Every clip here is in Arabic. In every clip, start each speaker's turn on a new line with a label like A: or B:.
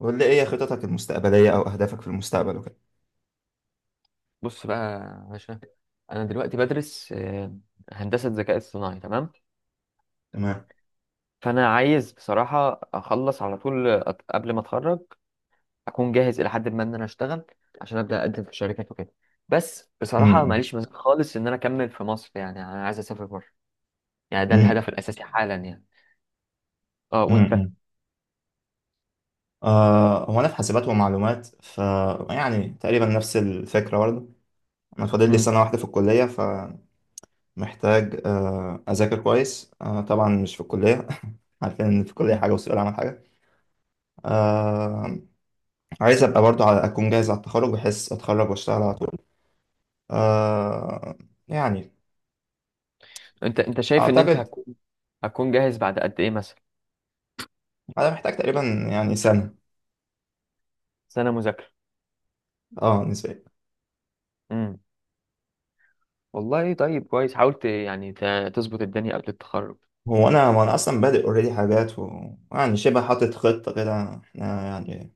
A: قول لي ايه خططك المستقبليه او اهدافك في المستقبل وكده.
B: بص بقى يا باشا. انا دلوقتي بدرس هندسه ذكاء اصطناعي. تمام.
A: تمام.
B: فانا عايز بصراحه اخلص على طول قبل ما اتخرج، اكون جاهز الى حد ما ان انا اشتغل، عشان ابدا اقدم في شركات وكده. بس بصراحه
A: امم.
B: ماليش مزاج خالص ان انا اكمل في مصر، يعني انا عايز اسافر بره. يعني ده
A: امم.
B: الهدف الاساسي حالا يعني. اه وانت؟
A: امم. هو انا في حاسبات ومعلومات ف، يعني تقريبا نفس الفكره برضه. انا فاضل لي
B: مم.
A: سنه واحده في الكليه، فمحتاج اذاكر كويس. طبعا مش في الكليه عارفين ان في الكليه
B: مم.
A: حاجه وسوق العمل حاجه. آه عايز ابقى برضه على اكون جاهز على التخرج، بحيث اتخرج واشتغل على طول. آه يعني
B: انت شايف ان انت
A: اعتقد
B: هتكون جاهز بعد قد ايه مثلا؟
A: انا محتاج تقريبا، يعني سنه.
B: سنه مذاكره؟
A: اه، نسبيا.
B: امم. والله طيب، كويس حاولت يعني تظبط الدنيا قبل التخرج.
A: هو انا ما انا اصلا بادئ اوريدي حاجات يعني شبه حاطط خطه كده احنا. يعني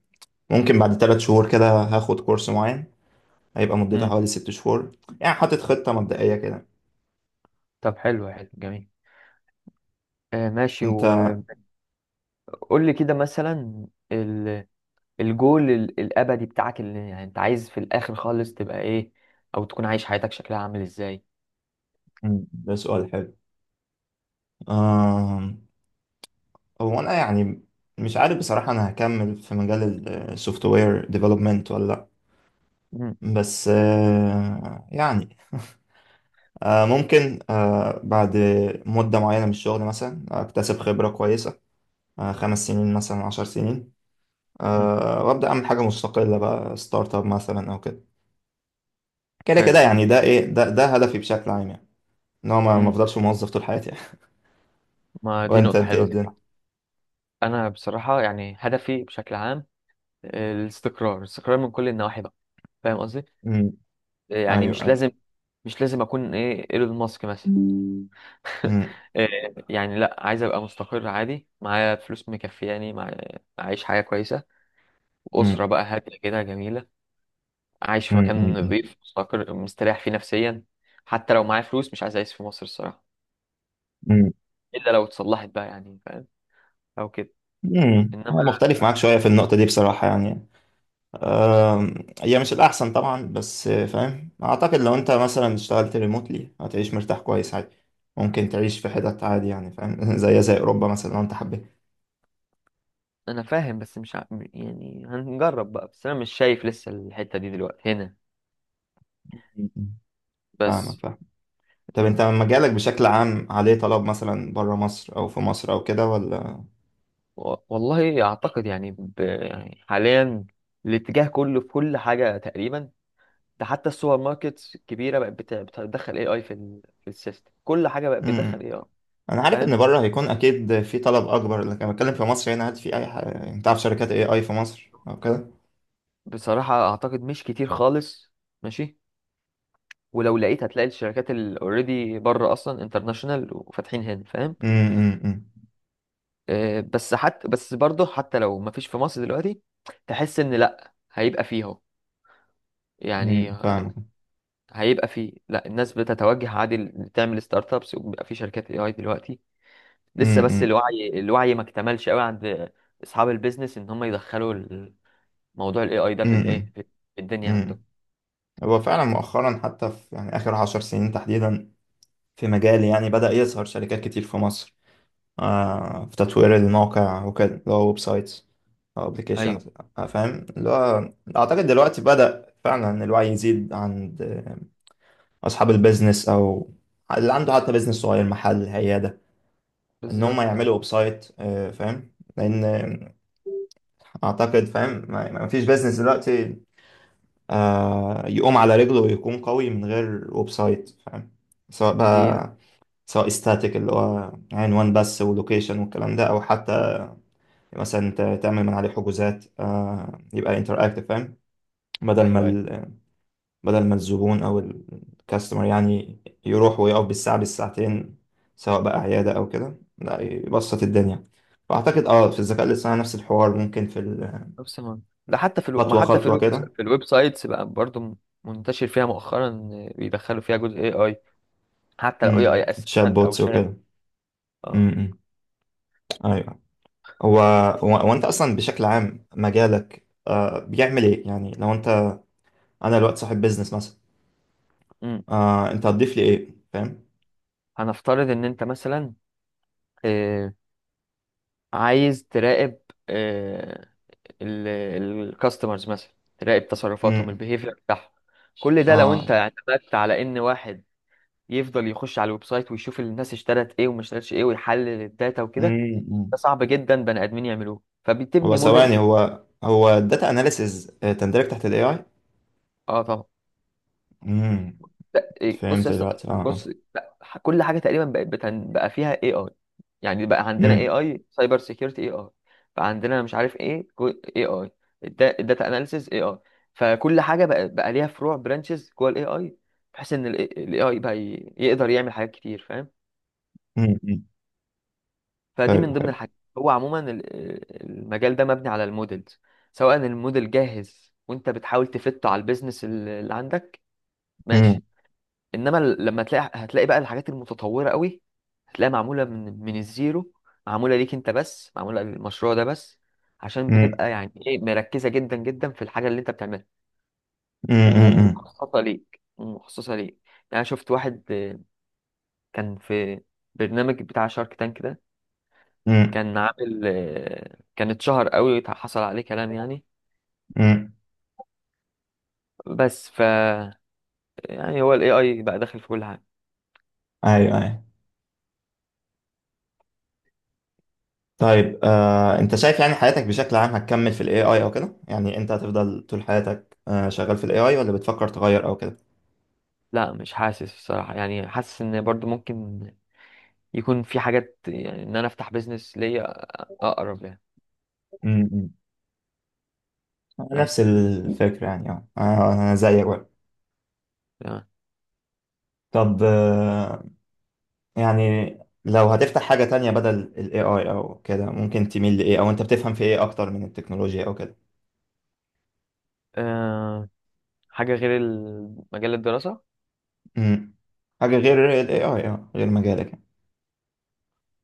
A: ممكن بعد 3 شهور كده هاخد كورس معين، هيبقى مدته حوالي 6 شهور. يعني حاطط خطه مبدئيه كده.
B: طب حلو حلو جميل. ماشي،
A: انت؟
B: وقول لي كده مثلا، ال- الجول الابدي بتاعك، اللي يعني انت عايز في الاخر خالص تبقى ايه، او تكون عايش حياتك شكلها عامل ازاي؟
A: مم. ده سؤال حلو. آم، هو انا يعني مش عارف بصراحه انا هكمل في مجال السوفت وير ديفلوبمنت ولا لا.
B: مم،
A: بس يعني ممكن بعد مده معينه من الشغل مثلا اكتسب خبره كويسه، 5 سنين مثلا، 10 سنين،
B: مم،
A: وابدا اعمل حاجه مستقله بقى، ستارت اب مثلا او كده. كده كده،
B: حلو حلو.
A: يعني ده ايه، ده هدفي بشكل عام يعني، ان هو ما
B: مم،
A: افضلش موظف طول حياتي يعني.
B: ما دي
A: وانت،
B: نقطة
A: انت ايه
B: حلوة
A: الدنيا؟
B: بصراحة. انا بصراحة يعني هدفي بشكل عام، الاستقرار، الاستقرار من كل النواحي بقى. فاهم قصدي؟
A: امم.
B: يعني
A: ايوه،
B: مش
A: ايوه.
B: لازم، مش لازم اكون ايه ايلون ماسك مثلا.
A: امم.
B: آه، يعني لا، عايز ابقى مستقر عادي، معايا فلوس مكفياني، اعيش حياة كويسة،
A: امم.
B: أسرة بقى هادية كده جميلة، عايش في
A: امم.
B: مكان
A: امم.
B: نظيف مستقر مستريح فيه نفسيا. حتى لو معايا فلوس مش عايز أعيش في مصر الصراحة،
A: امم.
B: إلا لو اتصلحت بقى، يعني فاهم، أو كده.
A: أمم.
B: إنما
A: انا مختلف معاك شويه في النقطه دي بصراحه يعني. آم، هي مش الاحسن طبعا، بس فاهم، اعتقد لو انت مثلا اشتغلت ريموتلي هتعيش مرتاح كويس عادي. ممكن تعيش في حتت عادي، يعني فاهم زي اوروبا مثلا لو انت حبيت.
B: أنا فاهم بس مش ع... يعني هنجرب بقى، بس أنا مش شايف لسه الحتة دي دلوقتي هنا،
A: أمم. فاهمك،
B: بس.
A: فاهمك. طب
B: مم.
A: انت مجالك بشكل عام عليه طلب مثلا بره مصر او في مصر او كده، ولا؟
B: والله أعتقد يعني، يعني حاليا الاتجاه كله في كل حاجة تقريبا. ده حتى السوبر ماركت الكبيرة بقت بتدخل AI في في السيستم، كل حاجة بقت بتدخل
A: امم.
B: AI.
A: انا عارف
B: فاهم.
A: ان بره هيكون اكيد في طلب اكبر، لكن انا بتكلم في مصر هنا. هل في اي حاجه، انت عارف شركات اي اي في مصر او كده؟
B: بصراحة أعتقد مش كتير خالص، ماشي، ولو لقيت هتلاقي الشركات اللي اوريدي بره اصلا انترناشونال وفاتحين هنا، فاهم.
A: امم.
B: بس حتى بس برضه حتى لو ما فيش في مصر دلوقتي، تحس ان لا هيبقى فيه اهو. يعني
A: امم. فاهم.
B: هيبقى فيه، لا الناس بتتوجه عادي، تعمل ستارت ابس وبيبقى في شركات اي اي دلوقتي. لسه بس
A: امم.
B: الوعي الوعي ما اكتملش قوي عند اصحاب البيزنس، ان هم يدخلوا موضوع الاي اي ده في الايه
A: امم.
B: في الدنيا عندهم.
A: امم. هو فعلا مؤخرا، حتى في يعني اخر 10 سنين تحديدا، في مجالي يعني بدأ يظهر شركات كتير في مصر، في تطوير الموقع وكده، اللي هو ويب سايتس أو
B: ايوه
A: أبليكيشنز. فاهم، اللي هو أعتقد دلوقتي بدأ فعلا الوعي يزيد عند أصحاب البيزنس، أو اللي عنده حتى بيزنس صغير، محل، عيادة، إن هم
B: بالظبط آه.
A: يعملوا ويب سايت. فاهم، لأن أعتقد، فاهم، ما فيش بيزنس دلوقتي يقوم على رجله ويكون قوي من غير ويب سايت، فاهم. سواء
B: دي
A: بقى، سواء استاتيك اللي هو عنوان بس ولوكيشن والكلام ده، أو حتى مثلا انت تعمل من عليه حجوزات، يبقى انتراكتيف، فاهم. بدل ما
B: ايوه أيوه،
A: ال- بدل ما الزبون او الكاستمر يعني يروح ويقف بالساعه، بالساعتين، سواء بقى عياده او كده، لا يبسط الدنيا. فاعتقد اه في الذكاء الاصطناعي نفس الحوار، ممكن في
B: نفس المنطق ده حتى في الو... ما
A: خطوه
B: حتى في
A: خطوه
B: الويب،
A: كده.
B: في الويب سايتس بقى برضو منتشر فيها مؤخرا، إن بيدخلوا فيها جزء اي اي، حتى لو اي اي
A: امم. تشات
B: اسيستنت او
A: بوتس
B: شات.
A: وكده.
B: اه.
A: امم. ايوه. هو هو انت اصلا بشكل عام مجالك بيعمل ايه يعني؟ لو انت، انا دلوقتي صاحب بيزنس مثلا،
B: امم.
A: انت هتضيف لي ايه، فاهم؟
B: هنفترض ان انت مثلا آه... عايز تراقب آه... الكاستمرز مثلا، تراقب تصرفاتهم
A: امم.
B: البيهيفير بتاعهم. كل ده لو انت
A: اه.
B: اعتمدت على ان واحد يفضل يخش على الويب سايت ويشوف الناس اشترت ايه وما اشترتش ايه، ويحلل الداتا وكده،
A: امم.
B: ده صعب جدا بني ادمين يعملوه،
A: هو
B: فبتبني
A: ثواني،
B: موديل.
A: هو الداتا اناليسز تندرج تحت الاي اي؟
B: اه طبعا.
A: امم.
B: لا إيه، بص يا
A: فهمت
B: اسطى
A: دلوقتي، اه، اه.
B: بص. لا كل حاجه تقريبا بقت بقى فيها اي اي. يعني بقى عندنا اي
A: امم.
B: اي سايبر سيكيورتي، اي اي بقى عندنا مش عارف ايه، اي اي الداتا اناليسيز، اي اي. فكل حاجه بقى ليها فروع برانشز جوه الاي اي، بحيث ان الاي اي بقى يقدر يعمل حاجات كتير، فاهم.
A: امم. أمم.
B: فدي
A: حلو،
B: من ضمن
A: حلو.
B: الحاجات. هو عموما المجال ده مبني على المودلز. سواء الموديل جاهز وانت بتحاول تفته على البيزنس اللي عندك،
A: امم.
B: ماشي، انما لما تلاقي، هتلاقي بقى الحاجات المتطوره قوي، هتلاقيها معموله من الزيرو، معموله ليك انت بس، معموله للمشروع ده بس، عشان
A: امم.
B: بتبقى يعني ايه مركزه جدا جدا في الحاجه اللي انت بتعملها،
A: امم. امم.
B: ومخصصه ليك ومخصصه ليك. يعني أنا شفت واحد كان في برنامج بتاع شارك تانك ده،
A: امم.
B: كان عامل كان اتشهر قوي، حصل عليه كلام يعني.
A: أمم.
B: بس ف يعني هو الاي اي بقى داخل في كل حاجه.
A: ايوه، ايوه. طيب انت شايف يعني حياتك بشكل عام هتكمل في الاي اي او كده؟ يعني انت هتفضل طول حياتك شغال في الاي اي، ولا بتفكر تغير او كده؟
B: لا مش حاسس الصراحه، يعني حاسس ان برضو ممكن يكون في حاجات، يعني ان انا افتح بيزنس ليا اقرب يعني.
A: امم. أمم.
B: اي
A: نفس الفكرة يعني، اه. انا زيك بقى.
B: تمام.
A: طب يعني لو هتفتح حاجة تانية بدل ال AI أو كده، ممكن تميل لإيه؟ أو أنت بتفهم في إيه أكتر من التكنولوجيا أو كده؟
B: أه حاجه غير مجال الدراسه.
A: امم. حاجة غير ال AI، غير مجالك يعني.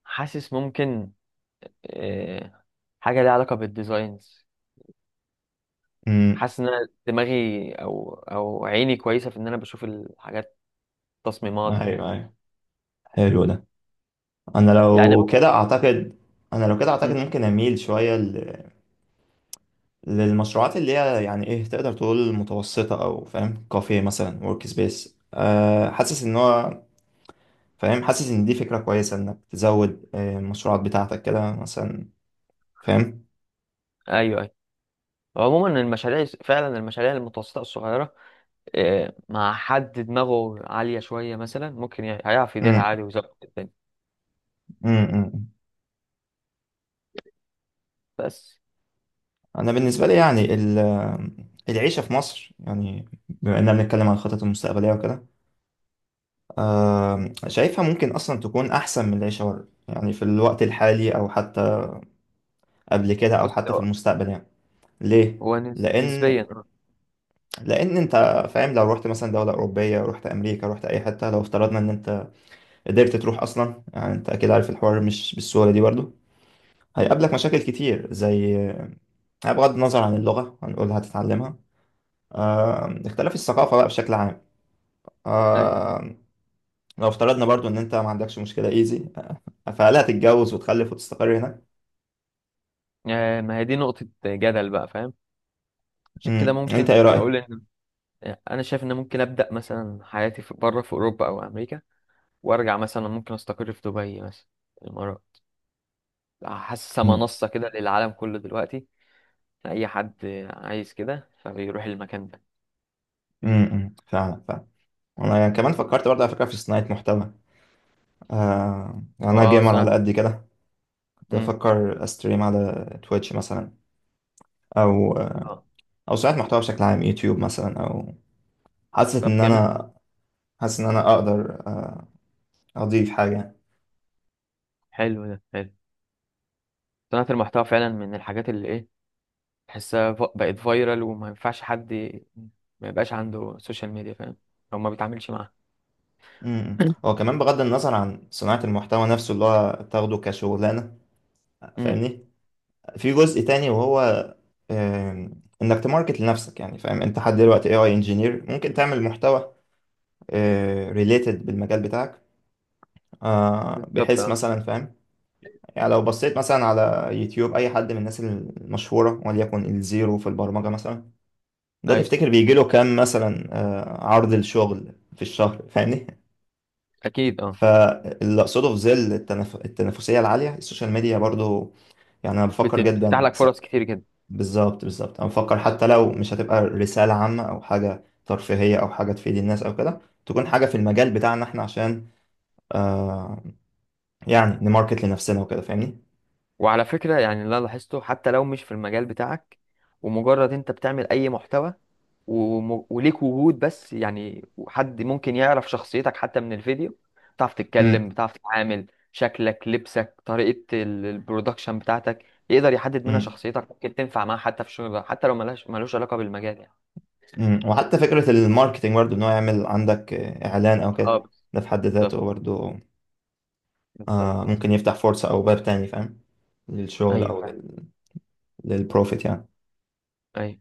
B: حاسس ممكن، أه حاجه ليها علاقه بالديزاينز.
A: امم.
B: حاسس ان أنا دماغي او عيني كويسه في ان انا بشوف الحاجات، تصميمات وكده،
A: أيوه، أيوه. حلو ده. أنا
B: يعني.
A: لو كده أعتقد أنا لو كده أعتقد
B: مم.
A: ممكن أميل شوية للمشروعات اللي هي يعني إيه، تقدر تقول متوسطة، أو فاهم، كافيه مثلا، ورك سبيس. حاسس إن هو، فاهم، حاسس إن دي فكرة كويسة إنك تزود المشروعات بتاعتك كده مثلا، فاهم.
B: ايوه ايوه، عموما المشاريع، فعلا المشاريع المتوسطه الصغيره، أه مع حد دماغه عاليه شويه مثلا، ممكن يعني هيعرف يديرها عادي ويظبط الدنيا،
A: امم.
B: بس.
A: انا بالنسبه لي يعني العيشه في مصر، يعني بما اننا بنتكلم عن الخطط المستقبليه وكده، شايفها ممكن اصلا تكون احسن من العيشه بره، يعني في الوقت الحالي، او حتى قبل كده، او
B: بص
A: حتى في
B: هو
A: المستقبل يعني. ليه؟
B: هو
A: لان
B: نسبيا.
A: لان انت، فاهم، لو رحت مثلا دوله اوروبيه، رحت امريكا، رحت اي حته، لو افترضنا ان انت قدرت تروح اصلا، يعني انت اكيد عارف الحوار مش بالسهوله دي برضه.
B: امم.
A: هيقابلك مشاكل كتير، زي، بغض النظر عن اللغه هنقول هتتعلمها، اختلاف الثقافة بقى بشكل عام.
B: ايوه.
A: آه لو افترضنا برضو ان انت ما عندكش مشكلة ايزي، فهل هتتجوز وتخلف وتستقر هناك؟
B: ما هي دي نقطة جدل بقى، فاهم. عشان كده
A: مم.
B: ممكن
A: انت ايه رأيك؟
B: اقول ان انا شايف ان ممكن ابدا مثلا حياتي في بره، في اوروبا او امريكا، وارجع مثلا ممكن استقر في دبي مثلا، الامارات. حاسسها
A: مم.
B: منصة كده للعالم كله دلوقتي، اي حد عايز كده فبيروح المكان ده.
A: مم. فعلا، فعلا. انا يعني كمان فكرت برضه، على فكرة، في صناعة محتوى. يعني انا
B: اه
A: جيمر على
B: صناعة.
A: قد كده. كنت
B: امم.
A: بفكر استريم على تويتش مثلا، او
B: اه.
A: او صناعة محتوى بشكل عام، يوتيوب مثلا، او حاسس
B: طب
A: ان
B: جميل.
A: انا حاسس ان انا اقدر اضيف حاجة يعني.
B: حلو ده حلو، صناعة المحتوى فعلا من الحاجات اللي ايه، تحسها بقت فايرال، وما ينفعش حد ما يبقاش عنده سوشيال ميديا، فاهم، او ما بيتعاملش معاها.
A: امم. هو كمان بغض النظر عن صناعة المحتوى نفسه، اللي هو تاخده كشغلانة، فاهمني، في جزء تاني، وهو انك تماركت لنفسك. يعني فاهم، انت حد دلوقتي اي اي انجينير، ممكن تعمل محتوى ريليتد بالمجال بتاعك،
B: بالظبط
A: بحيث
B: اه.
A: مثلا فاهم، يعني لو بصيت مثلا على يوتيوب اي حد من الناس المشهورة، وليكن الزيرو في البرمجة مثلا، ده
B: اي
A: تفتكر بيجي له كام مثلا عرض الشغل في الشهر؟ فاهمني.
B: اكيد اه،
A: فاللي اقصده، في ظل التنافسية العالية، السوشيال ميديا برضو، يعني انا بفكر
B: بتفتح
A: جدا.
B: لك فرص كتير جدا.
A: بالظبط، بالظبط. انا بفكر حتى لو مش هتبقى رسالة عامة او حاجة ترفيهية او حاجة تفيد الناس او كده، تكون حاجة في المجال بتاعنا احنا، عشان آه يعني نماركت لنفسنا وكده، فاهمني.
B: وعلى فكره يعني اللي انا لاحظته حتى لو مش في المجال بتاعك، ومجرد انت بتعمل اي محتوى وليك وجود بس، يعني حد ممكن يعرف شخصيتك حتى من الفيديو، بتعرف تتكلم،
A: امم.
B: بتعرف تتعامل، شكلك لبسك طريقه البرودكشن بتاعتك، يقدر يحدد منها
A: امم.
B: شخصيتك، ممكن تنفع معاه حتى في شغل، حتى لو ملهاش ملوش علاقه بالمجال يعني.
A: امم. وحتى فكرة الماركتينج برضو، ان هو يعمل عندك اعلان او كده،
B: اه
A: ده في حد ذاته
B: بالظبط
A: برضو
B: بالظبط.
A: ممكن يفتح فرصة او باب تاني، فاهم، للشغل،
B: ايوه
A: او
B: فعلا.
A: للبروفيت يعني.
B: ايوه